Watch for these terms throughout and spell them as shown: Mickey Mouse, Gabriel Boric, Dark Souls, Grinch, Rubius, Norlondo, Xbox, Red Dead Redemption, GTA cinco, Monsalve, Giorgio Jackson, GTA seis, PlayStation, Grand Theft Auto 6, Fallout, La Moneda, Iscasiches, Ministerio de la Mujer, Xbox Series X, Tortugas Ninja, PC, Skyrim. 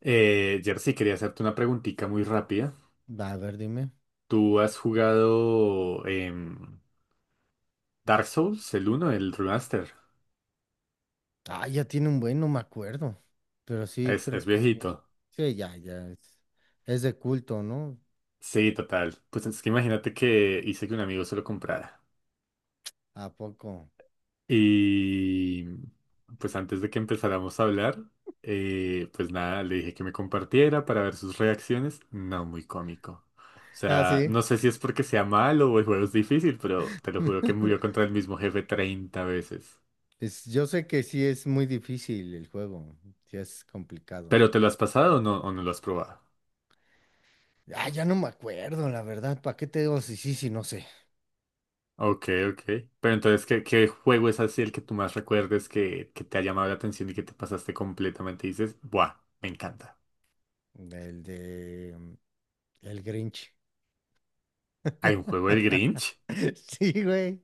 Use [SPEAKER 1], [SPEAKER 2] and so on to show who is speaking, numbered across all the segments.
[SPEAKER 1] Jersey, quería hacerte una preguntita muy rápida.
[SPEAKER 2] Va, a ver, dime.
[SPEAKER 1] ¿Tú has jugado Dark Souls, el uno, el remaster?
[SPEAKER 2] Ah, ya tiene un buen, no me acuerdo. Pero sí,
[SPEAKER 1] Es,
[SPEAKER 2] creo
[SPEAKER 1] es
[SPEAKER 2] que sí.
[SPEAKER 1] viejito.
[SPEAKER 2] Sí, ya, ya. Es de culto, ¿no?
[SPEAKER 1] Sí, total. Pues es que imagínate que hice que un amigo se lo comprara.
[SPEAKER 2] ¿A poco?
[SPEAKER 1] Y pues antes de que empezáramos a hablar, pues nada, le dije que me compartiera para ver sus reacciones. No, muy cómico. O
[SPEAKER 2] Ah,
[SPEAKER 1] sea,
[SPEAKER 2] sí.
[SPEAKER 1] no sé si es porque sea malo o el juego es difícil, pero te lo juro que murió contra el mismo jefe 30 veces.
[SPEAKER 2] Yo sé que sí es muy difícil el juego. Sí es complicado.
[SPEAKER 1] ¿Pero te lo has pasado o no lo has probado?
[SPEAKER 2] Ah, ya no me acuerdo, la verdad. ¿Para qué te digo si sí, si no sé?
[SPEAKER 1] Ok, ok. Pero entonces, ¿qué juego es así el que tú más recuerdes que te ha llamado la atención y que te pasaste completamente? Y dices, ¡buah! Me encanta.
[SPEAKER 2] El de, el Grinch.
[SPEAKER 1] ¿Hay un juego del Grinch?
[SPEAKER 2] Sí, güey.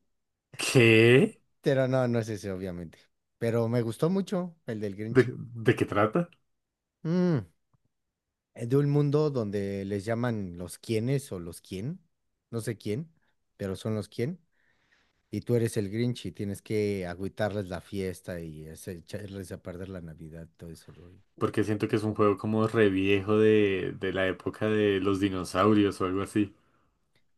[SPEAKER 1] ¿Qué?
[SPEAKER 2] Pero no, no es ese, obviamente. Pero me gustó mucho el del
[SPEAKER 1] ¿De,
[SPEAKER 2] Grinch.
[SPEAKER 1] de qué trata?
[SPEAKER 2] Mm. De un mundo donde les llaman los quienes o los quién, no sé quién, pero son los quién, y tú eres el Grinch y tienes que agüitarles la fiesta y echarles a perder la Navidad, todo eso rollo.
[SPEAKER 1] Porque siento que es un juego como re viejo de la época de los dinosaurios o algo así.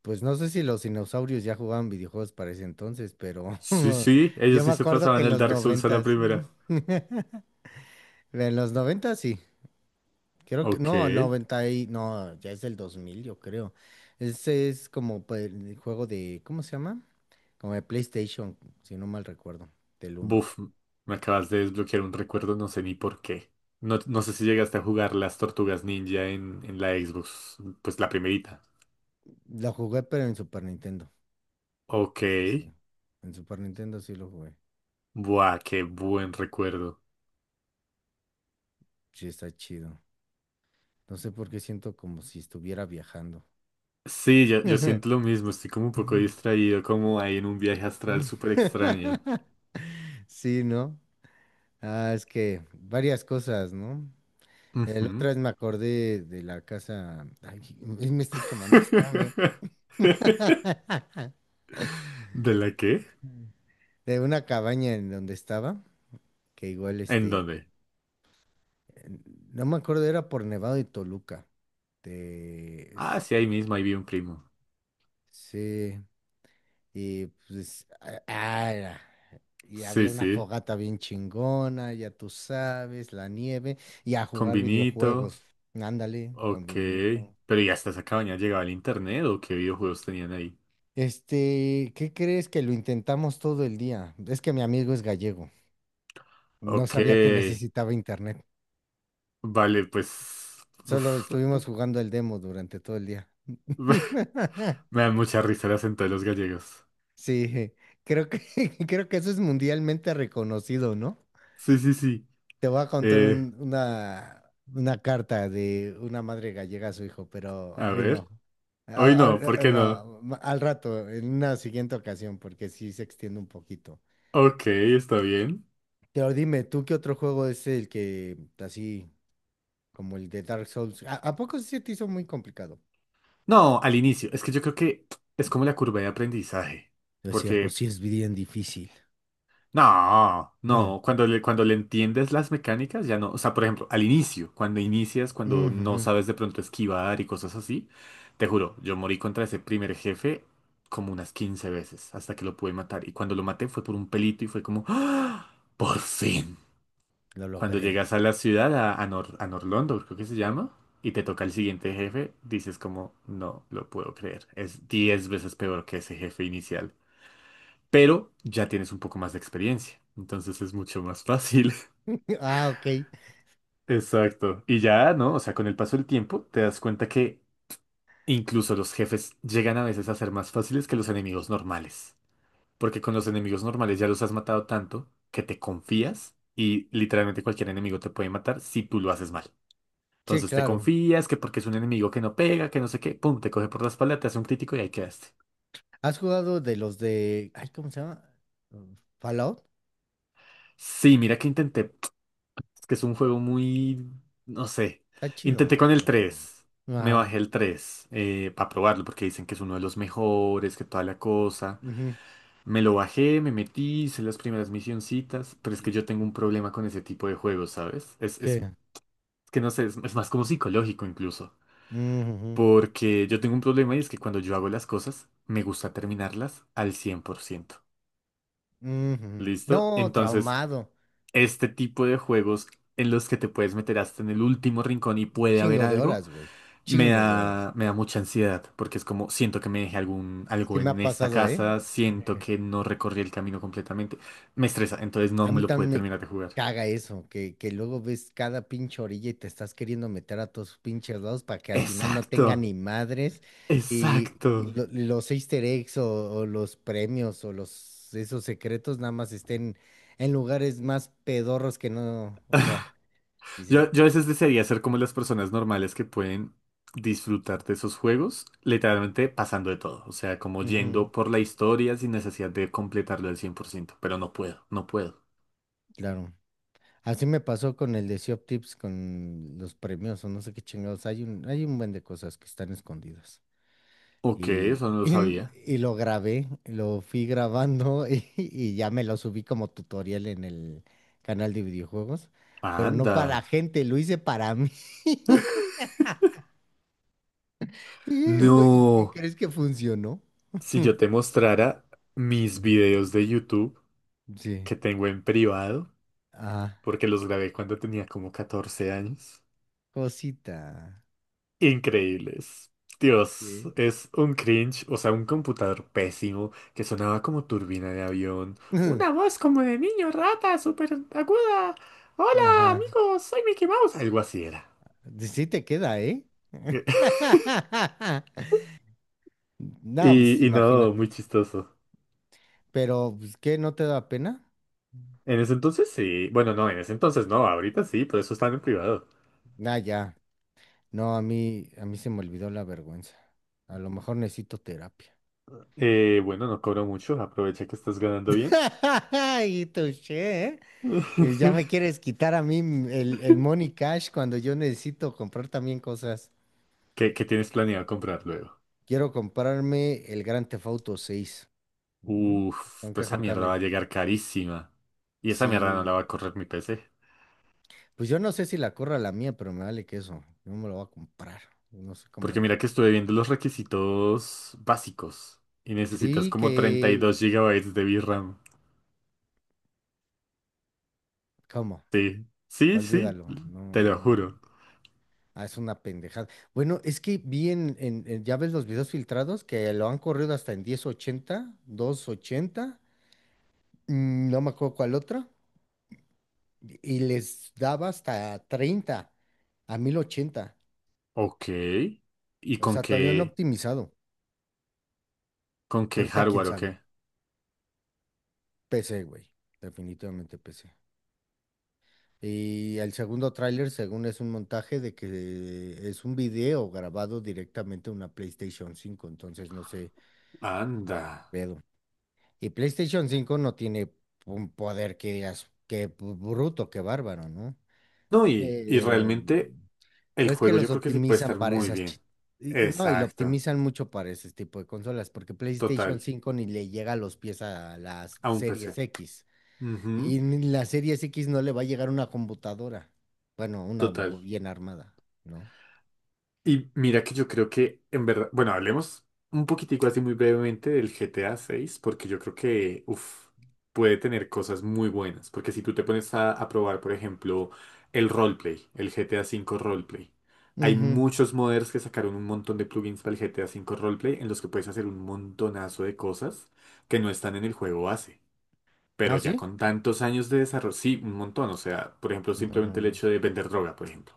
[SPEAKER 2] Pues no sé si los dinosaurios ya jugaban videojuegos para ese entonces, pero
[SPEAKER 1] Sí, sí,
[SPEAKER 2] yo
[SPEAKER 1] ellos
[SPEAKER 2] me
[SPEAKER 1] sí se
[SPEAKER 2] acuerdo que
[SPEAKER 1] pasaban
[SPEAKER 2] en
[SPEAKER 1] el
[SPEAKER 2] los
[SPEAKER 1] Dark Souls a la
[SPEAKER 2] noventas,
[SPEAKER 1] primera.
[SPEAKER 2] en los noventas sí. Creo que,
[SPEAKER 1] Ok.
[SPEAKER 2] no, 90 y, no, ya es del 2000 yo creo. Ese es como pues, el juego de, ¿cómo se llama? Como de PlayStation, si no mal recuerdo, del uno.
[SPEAKER 1] Buf, me acabas de desbloquear un recuerdo, no sé ni por qué. No, no sé si llegaste a jugar las Tortugas Ninja en la Xbox, pues la primerita.
[SPEAKER 2] Lo jugué, pero en Super Nintendo.
[SPEAKER 1] Ok,
[SPEAKER 2] Ese sí. En Super Nintendo sí lo jugué.
[SPEAKER 1] buah, qué buen recuerdo.
[SPEAKER 2] Sí, está chido. No sé por qué siento como si estuviera viajando.
[SPEAKER 1] Sí, yo siento lo mismo, estoy como un poco distraído, como ahí en un viaje astral súper extraño.
[SPEAKER 2] Sí, ¿no? Ah, es que varias cosas, ¿no? El
[SPEAKER 1] Ujú.
[SPEAKER 2] otra vez me acordé de la casa. Ay, me estoy quemando. Espérame.
[SPEAKER 1] ¿De la qué?
[SPEAKER 2] De una cabaña en donde estaba, que igual
[SPEAKER 1] ¿En
[SPEAKER 2] este,
[SPEAKER 1] dónde?
[SPEAKER 2] en- no me acuerdo, era por Nevado y Toluca. de-
[SPEAKER 1] Ah,
[SPEAKER 2] s-
[SPEAKER 1] sí, ahí mismo, ahí vi un primo.
[SPEAKER 2] sí, y pues, y
[SPEAKER 1] Sí,
[SPEAKER 2] había una
[SPEAKER 1] sí,
[SPEAKER 2] fogata bien chingona, ya tú sabes, la nieve, y a
[SPEAKER 1] con
[SPEAKER 2] jugar
[SPEAKER 1] vinito.
[SPEAKER 2] videojuegos. Ándale, con
[SPEAKER 1] Ok.
[SPEAKER 2] vinito.
[SPEAKER 1] Pero ¿y hasta esa cabaña llegaba el internet o qué videojuegos tenían ahí?
[SPEAKER 2] Este, ¿qué crees que lo intentamos todo el día? Es que mi amigo es gallego, no
[SPEAKER 1] Ok.
[SPEAKER 2] sabía que necesitaba internet.
[SPEAKER 1] Vale, pues.
[SPEAKER 2] Solo
[SPEAKER 1] Uf.
[SPEAKER 2] estuvimos jugando el demo durante todo el día.
[SPEAKER 1] Me dan mucha risa el acento de los gallegos.
[SPEAKER 2] Sí, creo que, creo que eso es mundialmente reconocido, ¿no?
[SPEAKER 1] Sí, sí, sí.
[SPEAKER 2] Te voy a contar
[SPEAKER 1] Eh,
[SPEAKER 2] una carta de una madre gallega a su hijo, pero
[SPEAKER 1] a
[SPEAKER 2] hoy no.
[SPEAKER 1] ver. Hoy
[SPEAKER 2] Ah,
[SPEAKER 1] no,
[SPEAKER 2] ah,
[SPEAKER 1] ¿por
[SPEAKER 2] ah,
[SPEAKER 1] qué no?
[SPEAKER 2] no, al rato, en una siguiente ocasión, porque sí se extiende un poquito.
[SPEAKER 1] Ok, está bien.
[SPEAKER 2] Pero dime, ¿tú qué otro juego es el que, así como el de Dark Souls? ¿A poco sí se te hizo muy complicado?
[SPEAKER 1] No, al inicio. Es que yo creo que es como la curva de aprendizaje.
[SPEAKER 2] Es cierto,
[SPEAKER 1] Porque
[SPEAKER 2] sí es bien difícil.
[SPEAKER 1] no, no, cuando le entiendes las mecánicas ya no, o sea, por ejemplo, al inicio, cuando inicias, cuando no
[SPEAKER 2] Ujujú,
[SPEAKER 1] sabes de pronto esquivar y cosas así, te juro, yo morí contra ese primer jefe como unas 15 veces hasta que lo pude matar y cuando lo maté fue por un pelito y fue como, ¡Ah! ¡Por fin!
[SPEAKER 2] lo
[SPEAKER 1] Cuando
[SPEAKER 2] logré.
[SPEAKER 1] llegas a la ciudad, a, Nor- a Norlondo, creo que se llama, y te toca el siguiente jefe, dices como, no lo puedo creer, es 10 veces peor que ese jefe inicial, pero ya tienes un poco más de experiencia, entonces es mucho más fácil.
[SPEAKER 2] Ah, ok.
[SPEAKER 1] Exacto. Y ya, ¿no? O sea, con el paso del tiempo te das cuenta que incluso los jefes llegan a veces a ser más fáciles que los enemigos normales, porque con los enemigos normales ya los has matado tanto que te confías y literalmente cualquier enemigo te puede matar si tú lo haces mal.
[SPEAKER 2] Sí,
[SPEAKER 1] Entonces te
[SPEAKER 2] claro.
[SPEAKER 1] confías que porque es un enemigo que no pega, que no sé qué, pum, te coge por la espalda, te hace un crítico y ahí quedaste.
[SPEAKER 2] ¿Has jugado de los de...? Ay, ¿cómo se llama? Fallout.
[SPEAKER 1] Sí, mira que intenté. Es que es un juego muy, no sé.
[SPEAKER 2] Está
[SPEAKER 1] Intenté
[SPEAKER 2] chido,
[SPEAKER 1] con el
[SPEAKER 2] pero...
[SPEAKER 1] tres. Me
[SPEAKER 2] Ajá.
[SPEAKER 1] bajé el 3 para probarlo porque dicen que es uno de los mejores, que toda la cosa.
[SPEAKER 2] Ujú.
[SPEAKER 1] Me lo bajé, me metí, hice las primeras misioncitas, pero es que yo tengo un problema con ese tipo de juegos, ¿sabes? Es
[SPEAKER 2] ¿Qué?
[SPEAKER 1] que no sé, es más como psicológico incluso.
[SPEAKER 2] Ujujú,
[SPEAKER 1] Porque yo tengo un problema y es que cuando yo hago las cosas, me gusta terminarlas al 100%.
[SPEAKER 2] ujujú.
[SPEAKER 1] ¿Listo?
[SPEAKER 2] No,
[SPEAKER 1] Entonces,
[SPEAKER 2] traumado.
[SPEAKER 1] este tipo de juegos en los que te puedes meter hasta en el último rincón y puede haber
[SPEAKER 2] Chingo de
[SPEAKER 1] algo.
[SPEAKER 2] horas, güey.
[SPEAKER 1] Me
[SPEAKER 2] Chingo de horas.
[SPEAKER 1] da, me da mucha ansiedad porque es como siento que me dejé algún, algo
[SPEAKER 2] Sí me ha
[SPEAKER 1] en esta
[SPEAKER 2] pasado, ¿eh?
[SPEAKER 1] casa, siento que no recorrí el camino completamente. Me estresa, entonces no
[SPEAKER 2] A
[SPEAKER 1] me
[SPEAKER 2] mí
[SPEAKER 1] lo pude
[SPEAKER 2] también me
[SPEAKER 1] terminar de jugar.
[SPEAKER 2] caga eso, que luego ves cada pinche orilla y te estás queriendo meter a todos pinches lados para que al final no tenga
[SPEAKER 1] Exacto,
[SPEAKER 2] ni madres y
[SPEAKER 1] exacto.
[SPEAKER 2] los Easter eggs o los premios o los esos secretos nada más estén en lugares más pedorros que no, o sea, dices,
[SPEAKER 1] Yo a veces desearía ser como las personas normales que pueden disfrutar de esos juegos,
[SPEAKER 2] ujú,
[SPEAKER 1] literalmente pasando de todo. O sea, como
[SPEAKER 2] ujú,
[SPEAKER 1] yendo por la historia sin necesidad de completarlo al 100%, pero no puedo, no puedo.
[SPEAKER 2] claro. Así me pasó con el de Shop Tips, con los premios o no sé qué chingados. Hay un buen de cosas que están escondidas.
[SPEAKER 1] Ok,
[SPEAKER 2] Y,
[SPEAKER 1] eso no lo
[SPEAKER 2] y-
[SPEAKER 1] sabía.
[SPEAKER 2] y lo grabé, lo fui grabando y ya me lo subí como tutorial en el canal de videojuegos, pero no para la
[SPEAKER 1] Anda.
[SPEAKER 2] gente, lo hice para mí. Y fue- ¿Y
[SPEAKER 1] No.
[SPEAKER 2] crees que funcionó?
[SPEAKER 1] Si yo te mostrara mis
[SPEAKER 2] Ujú.
[SPEAKER 1] videos de YouTube
[SPEAKER 2] Sí.
[SPEAKER 1] que tengo en privado,
[SPEAKER 2] Ah,
[SPEAKER 1] porque los grabé cuando tenía como 14 años,
[SPEAKER 2] cosita.
[SPEAKER 1] increíbles. Dios,
[SPEAKER 2] Sí.
[SPEAKER 1] es un cringe, o sea, un computador pésimo que sonaba como turbina de avión, una voz como de niño rata, súper aguda. Hola,
[SPEAKER 2] Ajá.
[SPEAKER 1] amigos, soy Mickey Mouse. Algo así era.
[SPEAKER 2] Sí, sí te queda, ¿eh? No, pues
[SPEAKER 1] Y no, muy
[SPEAKER 2] imagínate.
[SPEAKER 1] chistoso.
[SPEAKER 2] Pero, pues, ¿qué? ¿No te da pena?
[SPEAKER 1] En ese entonces sí, bueno, no, en ese entonces no, ahorita sí, por eso están en privado.
[SPEAKER 2] Ah, ya. No, a mí se me olvidó la vergüenza. A lo mejor necesito terapia.
[SPEAKER 1] Bueno, no cobro mucho, aprovecha que estás ganando bien.
[SPEAKER 2] Y touché, ¿eh? Y ya me quieres quitar a mí el money cash cuando yo necesito comprar también cosas.
[SPEAKER 1] ¿Qué tienes planeado comprar luego?
[SPEAKER 2] Quiero comprarme el Grand Theft Auto 6. Mm,
[SPEAKER 1] Uf,
[SPEAKER 2] Tengo que
[SPEAKER 1] pues esa mierda
[SPEAKER 2] juntarle.
[SPEAKER 1] va a llegar carísima. Y esa mierda no
[SPEAKER 2] Sí,
[SPEAKER 1] la va a correr mi PC.
[SPEAKER 2] pues yo no sé si la corra la mía, pero me vale queso. Yo me lo voy a comprar. Yo no sé cómo
[SPEAKER 1] Porque mira
[SPEAKER 2] la.
[SPEAKER 1] que estuve viendo los requisitos básicos. Y necesitas
[SPEAKER 2] Sí,
[SPEAKER 1] como treinta y
[SPEAKER 2] que.
[SPEAKER 1] dos gigabytes de VRAM.
[SPEAKER 2] ¿Cómo?
[SPEAKER 1] Sí, sí, sí,
[SPEAKER 2] Olvídalo.
[SPEAKER 1] te
[SPEAKER 2] No,
[SPEAKER 1] lo juro.
[SPEAKER 2] no. Ah, es una pendejada. Bueno, es que vi en, ya ves los videos filtrados que lo han corrido hasta en 1080, 280, no me acuerdo cuál otra, y les daba hasta 30 a 1080.
[SPEAKER 1] Ok. ¿Y
[SPEAKER 2] O
[SPEAKER 1] con
[SPEAKER 2] sea, todavía no
[SPEAKER 1] qué,
[SPEAKER 2] optimizado.
[SPEAKER 1] con qué
[SPEAKER 2] Ahorita quién
[SPEAKER 1] hardware o
[SPEAKER 2] sabe.
[SPEAKER 1] qué?
[SPEAKER 2] PC, güey. Definitivamente PC. Y el segundo tráiler, según es un montaje de que es un video grabado directamente a una PlayStation 5, entonces no sé,
[SPEAKER 1] Anda.
[SPEAKER 2] qué pedo. Y PlayStation 5 no tiene un poder que digas, qué bruto, qué bárbaro, ¿no?
[SPEAKER 1] No, y
[SPEAKER 2] Pero,
[SPEAKER 1] realmente el
[SPEAKER 2] pero es que
[SPEAKER 1] juego yo
[SPEAKER 2] los
[SPEAKER 1] creo que sí puede
[SPEAKER 2] optimizan
[SPEAKER 1] estar
[SPEAKER 2] para
[SPEAKER 1] muy
[SPEAKER 2] esas...
[SPEAKER 1] bien.
[SPEAKER 2] Y, y no, y lo
[SPEAKER 1] Exacto.
[SPEAKER 2] optimizan mucho para ese tipo de consolas, porque
[SPEAKER 1] Total,
[SPEAKER 2] PlayStation 5 ni le llega a los pies a las
[SPEAKER 1] a un
[SPEAKER 2] Series
[SPEAKER 1] PC.
[SPEAKER 2] X.
[SPEAKER 1] Ujú,
[SPEAKER 2] Y ni la Series X no le va a llegar una computadora. Bueno, una
[SPEAKER 1] total.
[SPEAKER 2] bien armada, ¿no?
[SPEAKER 1] Y mira que yo creo que en verdad, bueno, hablemos un poquitico así muy brevemente del GTA 6, porque yo creo que, uf, puede tener cosas muy buenas, porque si tú te pones a probar, por ejemplo, el roleplay, el GTA 5 roleplay, hay
[SPEAKER 2] Ujú.
[SPEAKER 1] muchos modders que sacaron un montón de plugins para el GTA 5 roleplay en los que puedes hacer un montonazo de cosas que no están en el juego base.
[SPEAKER 2] ¿Ah,
[SPEAKER 1] Pero ya
[SPEAKER 2] sí?
[SPEAKER 1] con tantos años de desarrollo, sí, un montón. O sea, por ejemplo,
[SPEAKER 2] No, no
[SPEAKER 1] simplemente
[SPEAKER 2] lo
[SPEAKER 1] el
[SPEAKER 2] he
[SPEAKER 1] hecho
[SPEAKER 2] visto.
[SPEAKER 1] de vender droga, por ejemplo.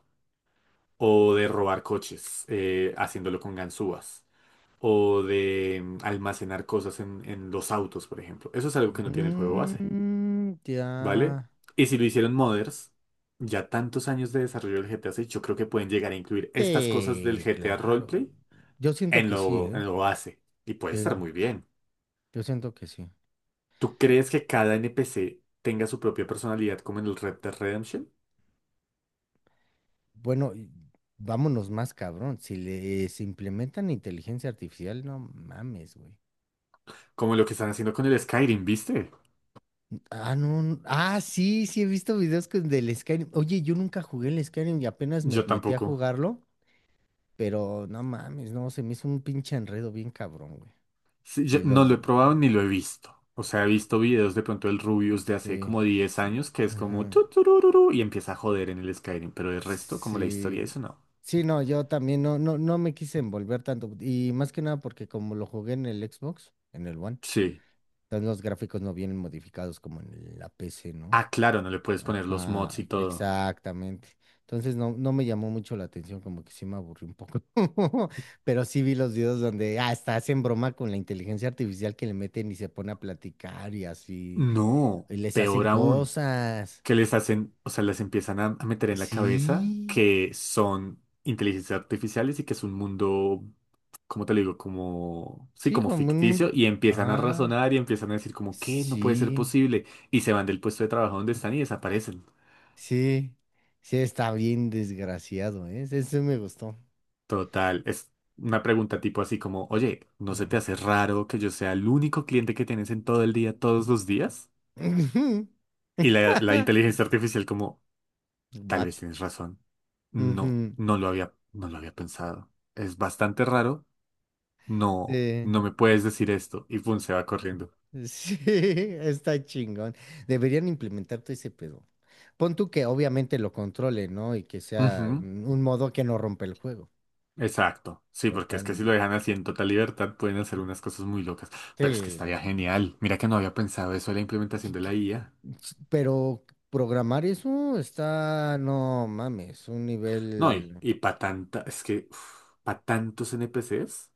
[SPEAKER 1] O de robar coches, haciéndolo con ganzúas. O de almacenar cosas en los autos, por ejemplo. Eso es algo que no tiene el juego base,
[SPEAKER 2] Mm, ya.
[SPEAKER 1] ¿vale? Y si lo hicieron modders, ya tantos años de desarrollo del GTA 6, yo creo que pueden llegar a incluir estas cosas del
[SPEAKER 2] Sí,
[SPEAKER 1] GTA
[SPEAKER 2] claro.
[SPEAKER 1] Roleplay
[SPEAKER 2] Yo siento
[SPEAKER 1] en
[SPEAKER 2] que sí,
[SPEAKER 1] lo,
[SPEAKER 2] ¿eh?
[SPEAKER 1] en lo base. Y puede
[SPEAKER 2] Sí,
[SPEAKER 1] estar muy bien.
[SPEAKER 2] yo siento que sí.
[SPEAKER 1] ¿Tú crees que cada NPC tenga su propia personalidad como en el Red Dead Redemption?
[SPEAKER 2] Bueno, y vámonos más cabrón. Si les implementan inteligencia artificial, no mames, güey.
[SPEAKER 1] Como lo que están haciendo con el Skyrim, ¿viste?
[SPEAKER 2] Ah, no. Ah, sí, sí, he visto videos del Skyrim. Oye, yo nunca jugué el Skyrim y apenas me
[SPEAKER 1] Yo
[SPEAKER 2] metí a
[SPEAKER 1] tampoco.
[SPEAKER 2] jugarlo, pero no mames, no, se me hizo un pinche enredo bien cabrón, güey.
[SPEAKER 1] Sí, yo
[SPEAKER 2] Y
[SPEAKER 1] no
[SPEAKER 2] los...
[SPEAKER 1] lo he probado ni lo he visto. O sea, he visto videos de pronto del Rubius de hace
[SPEAKER 2] Sí.
[SPEAKER 1] como diez
[SPEAKER 2] s-
[SPEAKER 1] años que es como tu,
[SPEAKER 2] Ajá.
[SPEAKER 1] turururu, y empieza a joder en el Skyrim, pero el resto, como la historia,
[SPEAKER 2] Sí.
[SPEAKER 1] eso no.
[SPEAKER 2] Sí, no, yo también no, no, no me quise envolver tanto. Y más que nada porque como lo jugué en el Xbox, en el One,
[SPEAKER 1] Sí.
[SPEAKER 2] entonces los gráficos no vienen modificados como en la PC, ¿no?
[SPEAKER 1] Ah, claro, no le puedes poner los
[SPEAKER 2] Ajá,
[SPEAKER 1] mods y todo.
[SPEAKER 2] exactamente. Entonces no, no me llamó mucho la atención, como que sí me aburrí un poco. Pero sí vi los videos donde hasta hacen broma con la inteligencia artificial que le meten y se pone a platicar y así,
[SPEAKER 1] No,
[SPEAKER 2] y les hacen
[SPEAKER 1] peor aún,
[SPEAKER 2] cosas.
[SPEAKER 1] que les hacen, o sea, les empiezan a meter en la cabeza
[SPEAKER 2] Sí,
[SPEAKER 1] que son inteligencias artificiales y que es un mundo, ¿como te lo digo? Como, sí,
[SPEAKER 2] sí,
[SPEAKER 1] como
[SPEAKER 2] como un...
[SPEAKER 1] ficticio, y empiezan a
[SPEAKER 2] Ajá.
[SPEAKER 1] razonar y empiezan a decir como, ¿qué? No puede ser
[SPEAKER 2] Sí,
[SPEAKER 1] posible. Y se van del puesto de trabajo donde están y desaparecen.
[SPEAKER 2] sí, sí, está bien desgraciado, ¿eh? Ese me gustó.
[SPEAKER 1] Total, es una pregunta tipo así como, oye, ¿no se te
[SPEAKER 2] Ujú.
[SPEAKER 1] hace raro que yo sea el único cliente que tienes en todo el día, todos los días? Y la inteligencia artificial como, tal
[SPEAKER 2] What?
[SPEAKER 1] vez tienes razón. No,
[SPEAKER 2] Ujú.
[SPEAKER 1] no lo había pensado. Es bastante raro. No,
[SPEAKER 2] Eh,
[SPEAKER 1] no me puedes decir esto. Y pum, se va corriendo.
[SPEAKER 2] sí, está chingón. Deberían implementar todo ese pedo. Pon tú que obviamente lo controle, ¿no? Y que sea
[SPEAKER 1] Ujú.
[SPEAKER 2] un modo que no rompe el juego.
[SPEAKER 1] Exacto, sí, porque es que si lo
[SPEAKER 2] Totalmente.
[SPEAKER 1] dejan así en total libertad pueden hacer unas cosas muy locas, pero es que
[SPEAKER 2] Sí, no.
[SPEAKER 1] estaría genial. Mira que no había pensado eso de la implementación
[SPEAKER 2] Qui-
[SPEAKER 1] de
[SPEAKER 2] qui-
[SPEAKER 1] la IA.
[SPEAKER 2] Pero programar eso está, no mames, un
[SPEAKER 1] No, y,
[SPEAKER 2] nivel.
[SPEAKER 1] y para tanta, es que para tantos NPCs,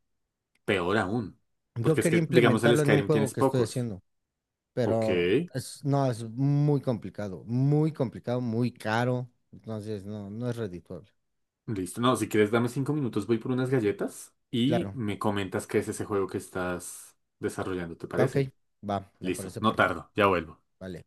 [SPEAKER 1] peor aún,
[SPEAKER 2] Yo
[SPEAKER 1] porque es
[SPEAKER 2] quería
[SPEAKER 1] que, digamos, el
[SPEAKER 2] implementarlo en un
[SPEAKER 1] Skyrim
[SPEAKER 2] juego
[SPEAKER 1] tienes
[SPEAKER 2] que estoy
[SPEAKER 1] pocos.
[SPEAKER 2] haciendo,
[SPEAKER 1] Ok,
[SPEAKER 2] pero es, no, es muy complicado, muy complicado, muy caro. Entonces, no, no es redituable.
[SPEAKER 1] listo. No, si quieres dame 5 minutos, voy por unas galletas y
[SPEAKER 2] Claro.
[SPEAKER 1] me comentas qué es ese juego que estás desarrollando, ¿te
[SPEAKER 2] Ok,
[SPEAKER 1] parece?
[SPEAKER 2] va, me
[SPEAKER 1] Listo,
[SPEAKER 2] parece
[SPEAKER 1] no
[SPEAKER 2] perfecto.
[SPEAKER 1] tardo, ya vuelvo.
[SPEAKER 2] Vale.